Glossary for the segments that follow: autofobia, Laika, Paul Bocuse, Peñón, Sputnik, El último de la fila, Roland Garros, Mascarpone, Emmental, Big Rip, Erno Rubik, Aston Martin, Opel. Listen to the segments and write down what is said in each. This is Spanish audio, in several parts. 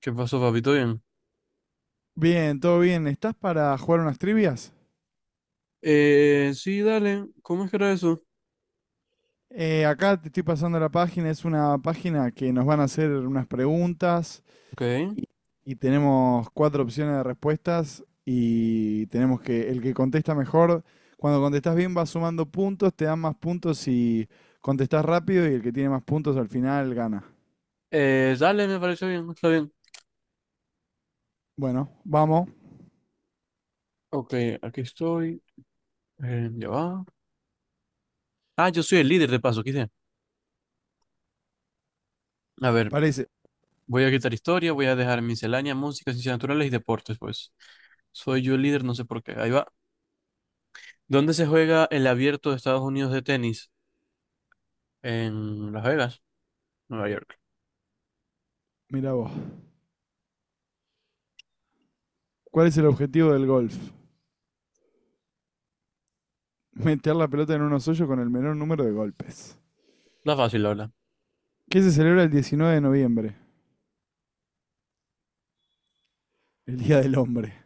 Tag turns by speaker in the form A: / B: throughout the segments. A: ¿Qué pasó, papi? ¿Todo bien?
B: Bien, todo bien. ¿Estás para jugar unas trivias?
A: Sí, dale. ¿Cómo es que era eso?
B: Acá te estoy pasando la página. Es una página que nos van a hacer unas preguntas
A: Ok.
B: y, y tenemos cuatro opciones de respuestas y tenemos que el que contesta mejor, cuando contestas bien vas sumando puntos, te dan más puntos si contestas rápido y el que tiene más puntos al final gana.
A: Dale, me pareció bien. Está bien.
B: Bueno, vamos.
A: Ok, aquí estoy. Ya va. Ah, yo soy el líder de paso, quité. A ver,
B: Parece.
A: voy a quitar historia, voy a dejar miscelánea, música, ciencias naturales y deportes, pues. Soy yo el líder, no sé por qué. Ahí va. ¿Dónde se juega el abierto de Estados Unidos de tenis? En Las Vegas, Nueva York.
B: Mira vos. ¿Cuál es el objetivo del golf? Meter la pelota en unos hoyos con el menor número de golpes.
A: La fácil, la verdad.
B: ¿Qué se celebra el 19 de noviembre? El Día del Hombre.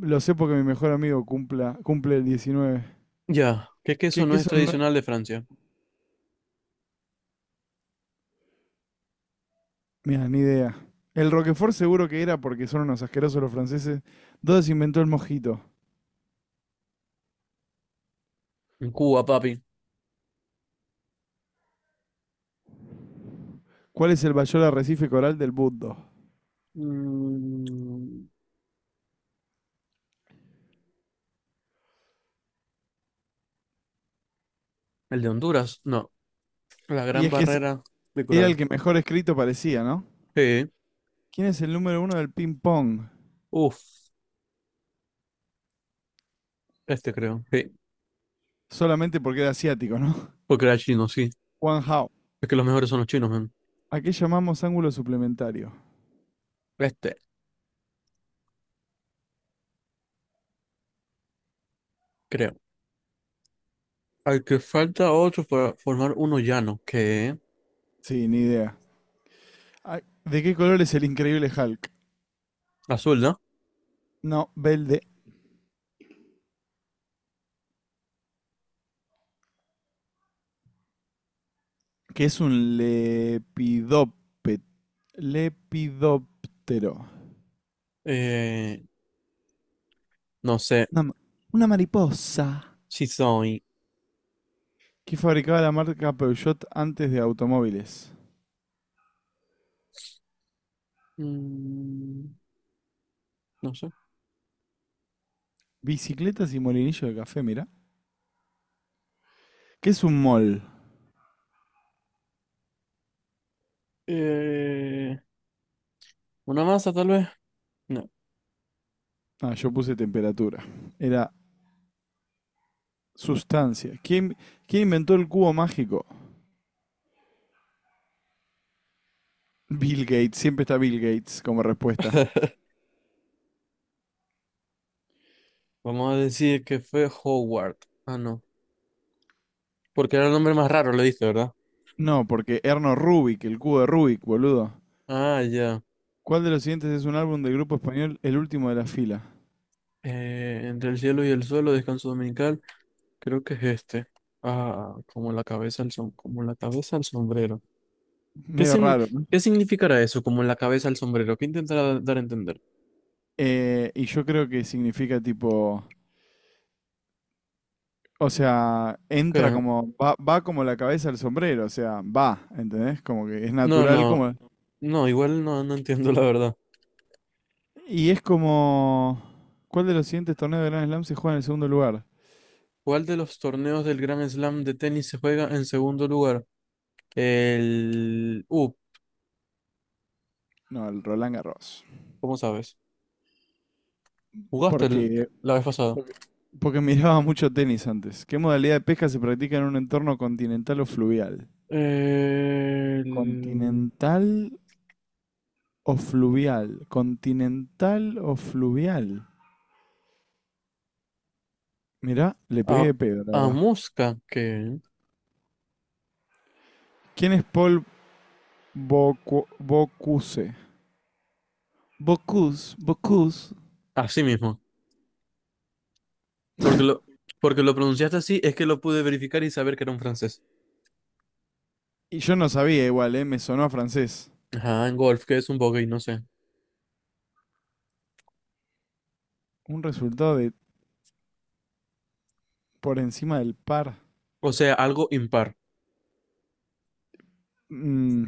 B: Lo sé porque mi mejor amigo cumple el 19.
A: Ya. ¿Qué
B: ¿Qué,
A: queso no
B: qué
A: es
B: son?
A: tradicional de Francia?
B: Mira, ni idea. El Roquefort seguro que era porque son unos asquerosos los franceses. ¿Dónde se inventó el mojito?
A: En Cuba, papi.
B: ¿Cuál es el mayor arrecife coral del mundo?
A: Mm, ¿el de Honduras? No. La
B: Y
A: gran
B: es que es-
A: barrera de
B: era el
A: coral.
B: que mejor escrito parecía, ¿no?
A: Sí.
B: ¿Quién es el número uno del ping-pong?
A: Uf, este creo. Sí.
B: Solamente porque era asiático, ¿no?
A: Porque era chino, sí.
B: Juan Hao.
A: Es que los mejores son los chinos, man.
B: ¿A qué llamamos ángulo suplementario?
A: Este, creo. Al que falta otro para formar uno llano, que
B: Sí, ni idea. Ah, ¿de qué color es el increíble Hulk?
A: azul, ¿no?
B: No, verde. Que es un lepidóptero.
A: Eh, no sé.
B: Una, ma- una mariposa.
A: Si soy.
B: Que fabricaba la marca Peugeot antes de automóviles.
A: Mm, no sé.
B: Bicicletas y molinillo de café, mira. ¿Qué es un mol?
A: Eh, una masa, tal vez. No.
B: Ah, yo puse temperatura. Era sustancia. ¿Quién inventó el cubo mágico? Bill Gates. Siempre está Bill Gates como respuesta.
A: Vamos a decir que fue Howard. Ah, no. Porque era el nombre más raro, le diste, ¿verdad?
B: No, porque Erno Rubik, el cubo de Rubik, boludo.
A: Ah, ya.
B: ¿Cuál de los siguientes es un álbum del grupo español El último de la fila?
A: Entre el cielo y el suelo, descanso dominical. Creo que es este. Ah, como la cabeza al som- como la cabeza al sombrero. ¿Qué,
B: Medio
A: sin-
B: raro, ¿no?
A: ¿Qué significará eso? Como la cabeza al sombrero. ¿Qué intentará dar a entender?
B: Y yo creo que significa tipo, o sea, entra
A: ¿Qué?
B: como, va, como la cabeza al sombrero, o sea, va, ¿entendés? Como que es
A: No,
B: natural
A: no,
B: como...
A: no, igual no, no entiendo la verdad.
B: Y es como, ¿cuál de los siguientes torneos de Grand Slam se juega en el segundo lugar?
A: ¿Cuál de los torneos del Grand Slam de tenis se juega en segundo lugar? El...
B: No, el Roland Garros.
A: ¿cómo sabes? ¿Jugaste el-
B: Porque,
A: ¿La vez pasada?
B: porque, porque miraba mucho tenis antes. ¿Qué modalidad de pesca se practica en un entorno continental o fluvial?
A: El...
B: Continental o fluvial. Continental o fluvial. Mirá, le pegué
A: A,
B: de pedo, la
A: a
B: verdad.
A: Mosca, que...
B: ¿Quién es Paul Bocuse? Bocuse, Bocuse.
A: Así mismo. Porque lo, porque lo pronunciaste así, es que lo pude verificar y saber que era un francés.
B: Y yo no sabía igual, ¿eh? Me sonó a francés.
A: Ajá, en golf, que es un bogey, no sé.
B: Un resultado de por encima del par.
A: O sea, algo impar.
B: Mm,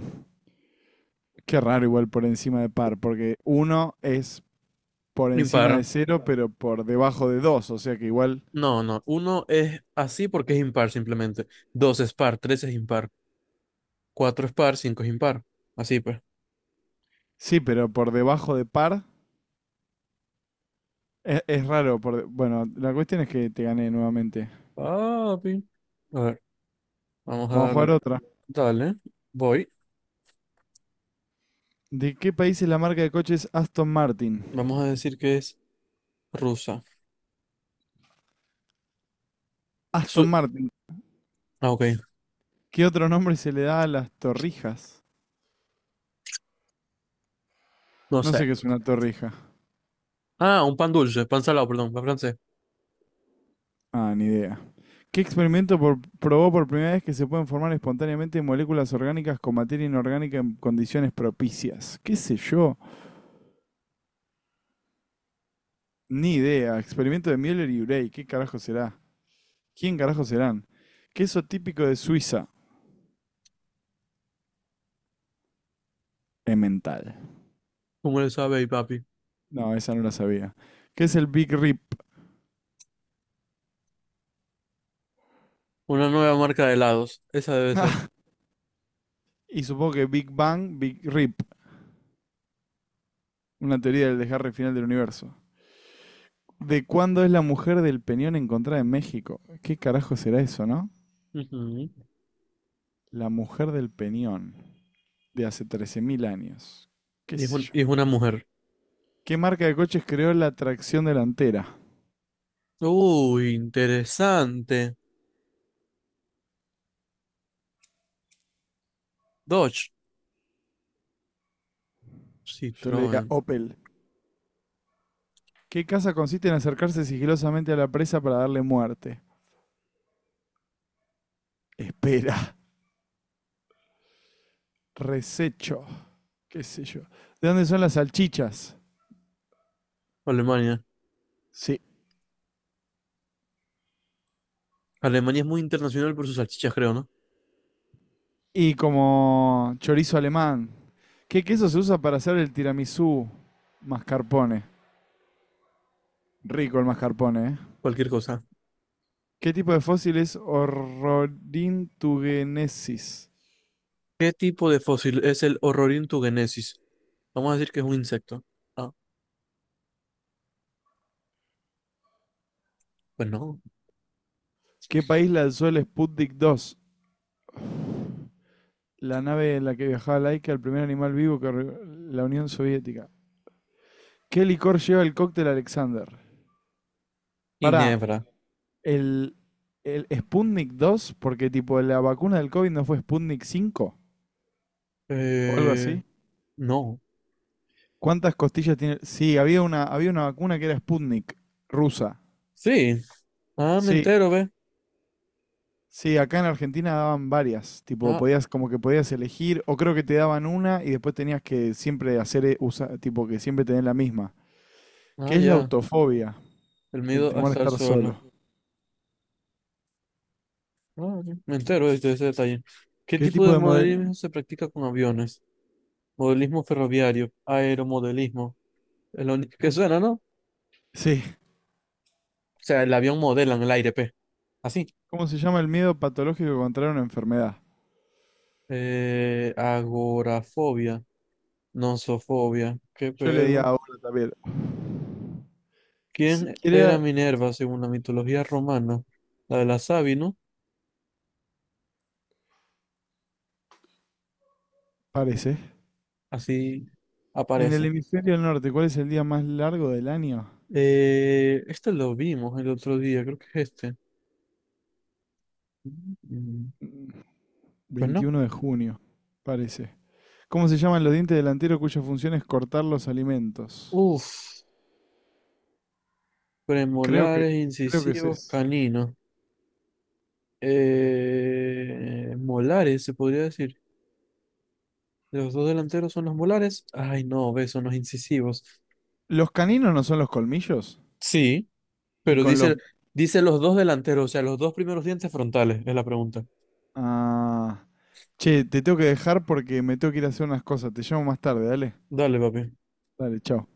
B: qué raro igual por encima de par, porque uno es por encima de
A: Impar.
B: cero, pero por debajo de dos. O sea que igual...
A: No, no. Uno es así porque es impar simplemente. Dos es par, tres es impar. Cuatro es par, cinco es impar. Así pues.
B: Sí, pero por debajo de par es raro. Bueno, la cuestión es que te gané nuevamente.
A: Papi. A ver, vamos a
B: Vamos a jugar
A: darle.
B: otra.
A: Dale, voy.
B: ¿De qué país es la marca de coches Aston Martin?
A: Vamos a decir que es rusa.
B: Aston
A: Su
B: Martin.
A: ah, ok,
B: ¿Qué otro nombre se le da a las torrijas?
A: no
B: No
A: sé.
B: sé qué es una torrija.
A: Ah, un pan dulce, pan salado, perdón, pan francés.
B: Ah, ni idea. ¿Qué experimento probó por primera vez que se pueden formar espontáneamente moléculas orgánicas con materia inorgánica en condiciones propicias? ¿Qué sé yo? Ni idea. Experimento de Müller y Urey. ¿Qué carajo será? ¿Quién carajo serán? Queso típico de Suiza. Emmental.
A: ¿Cómo le sabe ahí, papi?
B: No, esa no la sabía. ¿Qué es el Big Rip?
A: Una nueva marca de helados. Esa debe ser.
B: Ah, y supongo que Big Bang, Big Rip. Una teoría del desgarre final del universo. ¿De cuándo es la mujer del peñón encontrada en México? ¿Qué carajo será eso, no?
A: Ujú.
B: La mujer del Peñón, de hace 13.000 años. ¿Qué sé yo?
A: Y es una mujer.
B: ¿Qué marca de coches creó la tracción delantera?
A: Uy, interesante. Dodge.
B: Yo le diría
A: Citroën.
B: Opel. ¿Qué casa consiste en acercarse sigilosamente a la presa para darle muerte? Espera. Resecho. ¿Qué sé yo? ¿De dónde son las salchichas?
A: Alemania.
B: Sí.
A: Alemania es muy internacional por sus salchichas, creo, ¿no?
B: Y como chorizo alemán. ¿Qué queso se usa para hacer el tiramisú? Mascarpone. Rico el mascarpone, ¿eh?
A: Cualquier cosa.
B: ¿Qué tipo de fósil es Ororhyntugenesis?
A: ¿Qué tipo de fósil es el Horrorintugenesis? Vamos a decir que es un insecto. Ah, pues no.
B: ¿Qué país lanzó el Sputnik 2? La nave en la que viajaba Laika, el primer animal vivo. La Unión Soviética. ¿Qué licor lleva el cóctel Alexander? Pará,
A: Ginebra.
B: el, el Sputnik 2, porque tipo la vacuna del COVID no fue Sputnik 5, o algo
A: Eh,
B: así.
A: no.
B: ¿Cuántas costillas tiene? Sí, había una vacuna que era Sputnik, rusa.
A: Sí. Ah, me
B: Sí,
A: entero, ve.
B: Sí, acá en Argentina daban varias, tipo
A: Ah,
B: podías como que podías elegir o creo que te daban una y después tenías que siempre hacer tipo que siempre tener la misma. ¿Qué
A: ah,
B: es la
A: ya.
B: autofobia?
A: El
B: El
A: miedo a
B: temor a
A: estar
B: estar solo.
A: solo. Ah, ya. Me entero de ese detalle. ¿Qué
B: ¿Qué
A: tipo
B: tipo
A: de
B: de modelo?
A: modelismo se practica con aviones? Modelismo ferroviario, aeromodelismo. Es lo único que suena, ¿no? O
B: Sí,
A: sea, el avión modela en el aire, ¿pe? Así.
B: ¿cómo se llama el miedo patológico contra una enfermedad?
A: Agorafobia, nosofobia. ¿Qué
B: Yo le di
A: pedo?
B: ahora también. Si
A: ¿Quién era
B: quiere,
A: Minerva según la mitología romana? La de la Sabi, ¿no?
B: parece.
A: Así
B: En el
A: aparece.
B: hemisferio norte, ¿cuál es el día más largo del año?
A: Este lo vimos el otro día, creo que es este. Mm, pues no.
B: 21 de junio, parece. ¿Cómo se llaman los dientes delanteros cuya función es cortar los alimentos?
A: Uf,
B: Creo que,
A: premolares,
B: creo que es
A: incisivos,
B: es.
A: caninos. Molares, se podría decir. Los dos delanteros son los molares. Ay, no, ve, son los incisivos.
B: ¿Los caninos no son los colmillos?
A: Sí,
B: Y
A: pero
B: con los.
A: dice, dice los dos delanteros, o sea, los dos primeros dientes frontales, es la pregunta.
B: Ah. Che, te tengo que dejar porque me tengo que ir a hacer unas cosas. Te llamo más tarde, dale.
A: Dale, papi.
B: Dale, chao.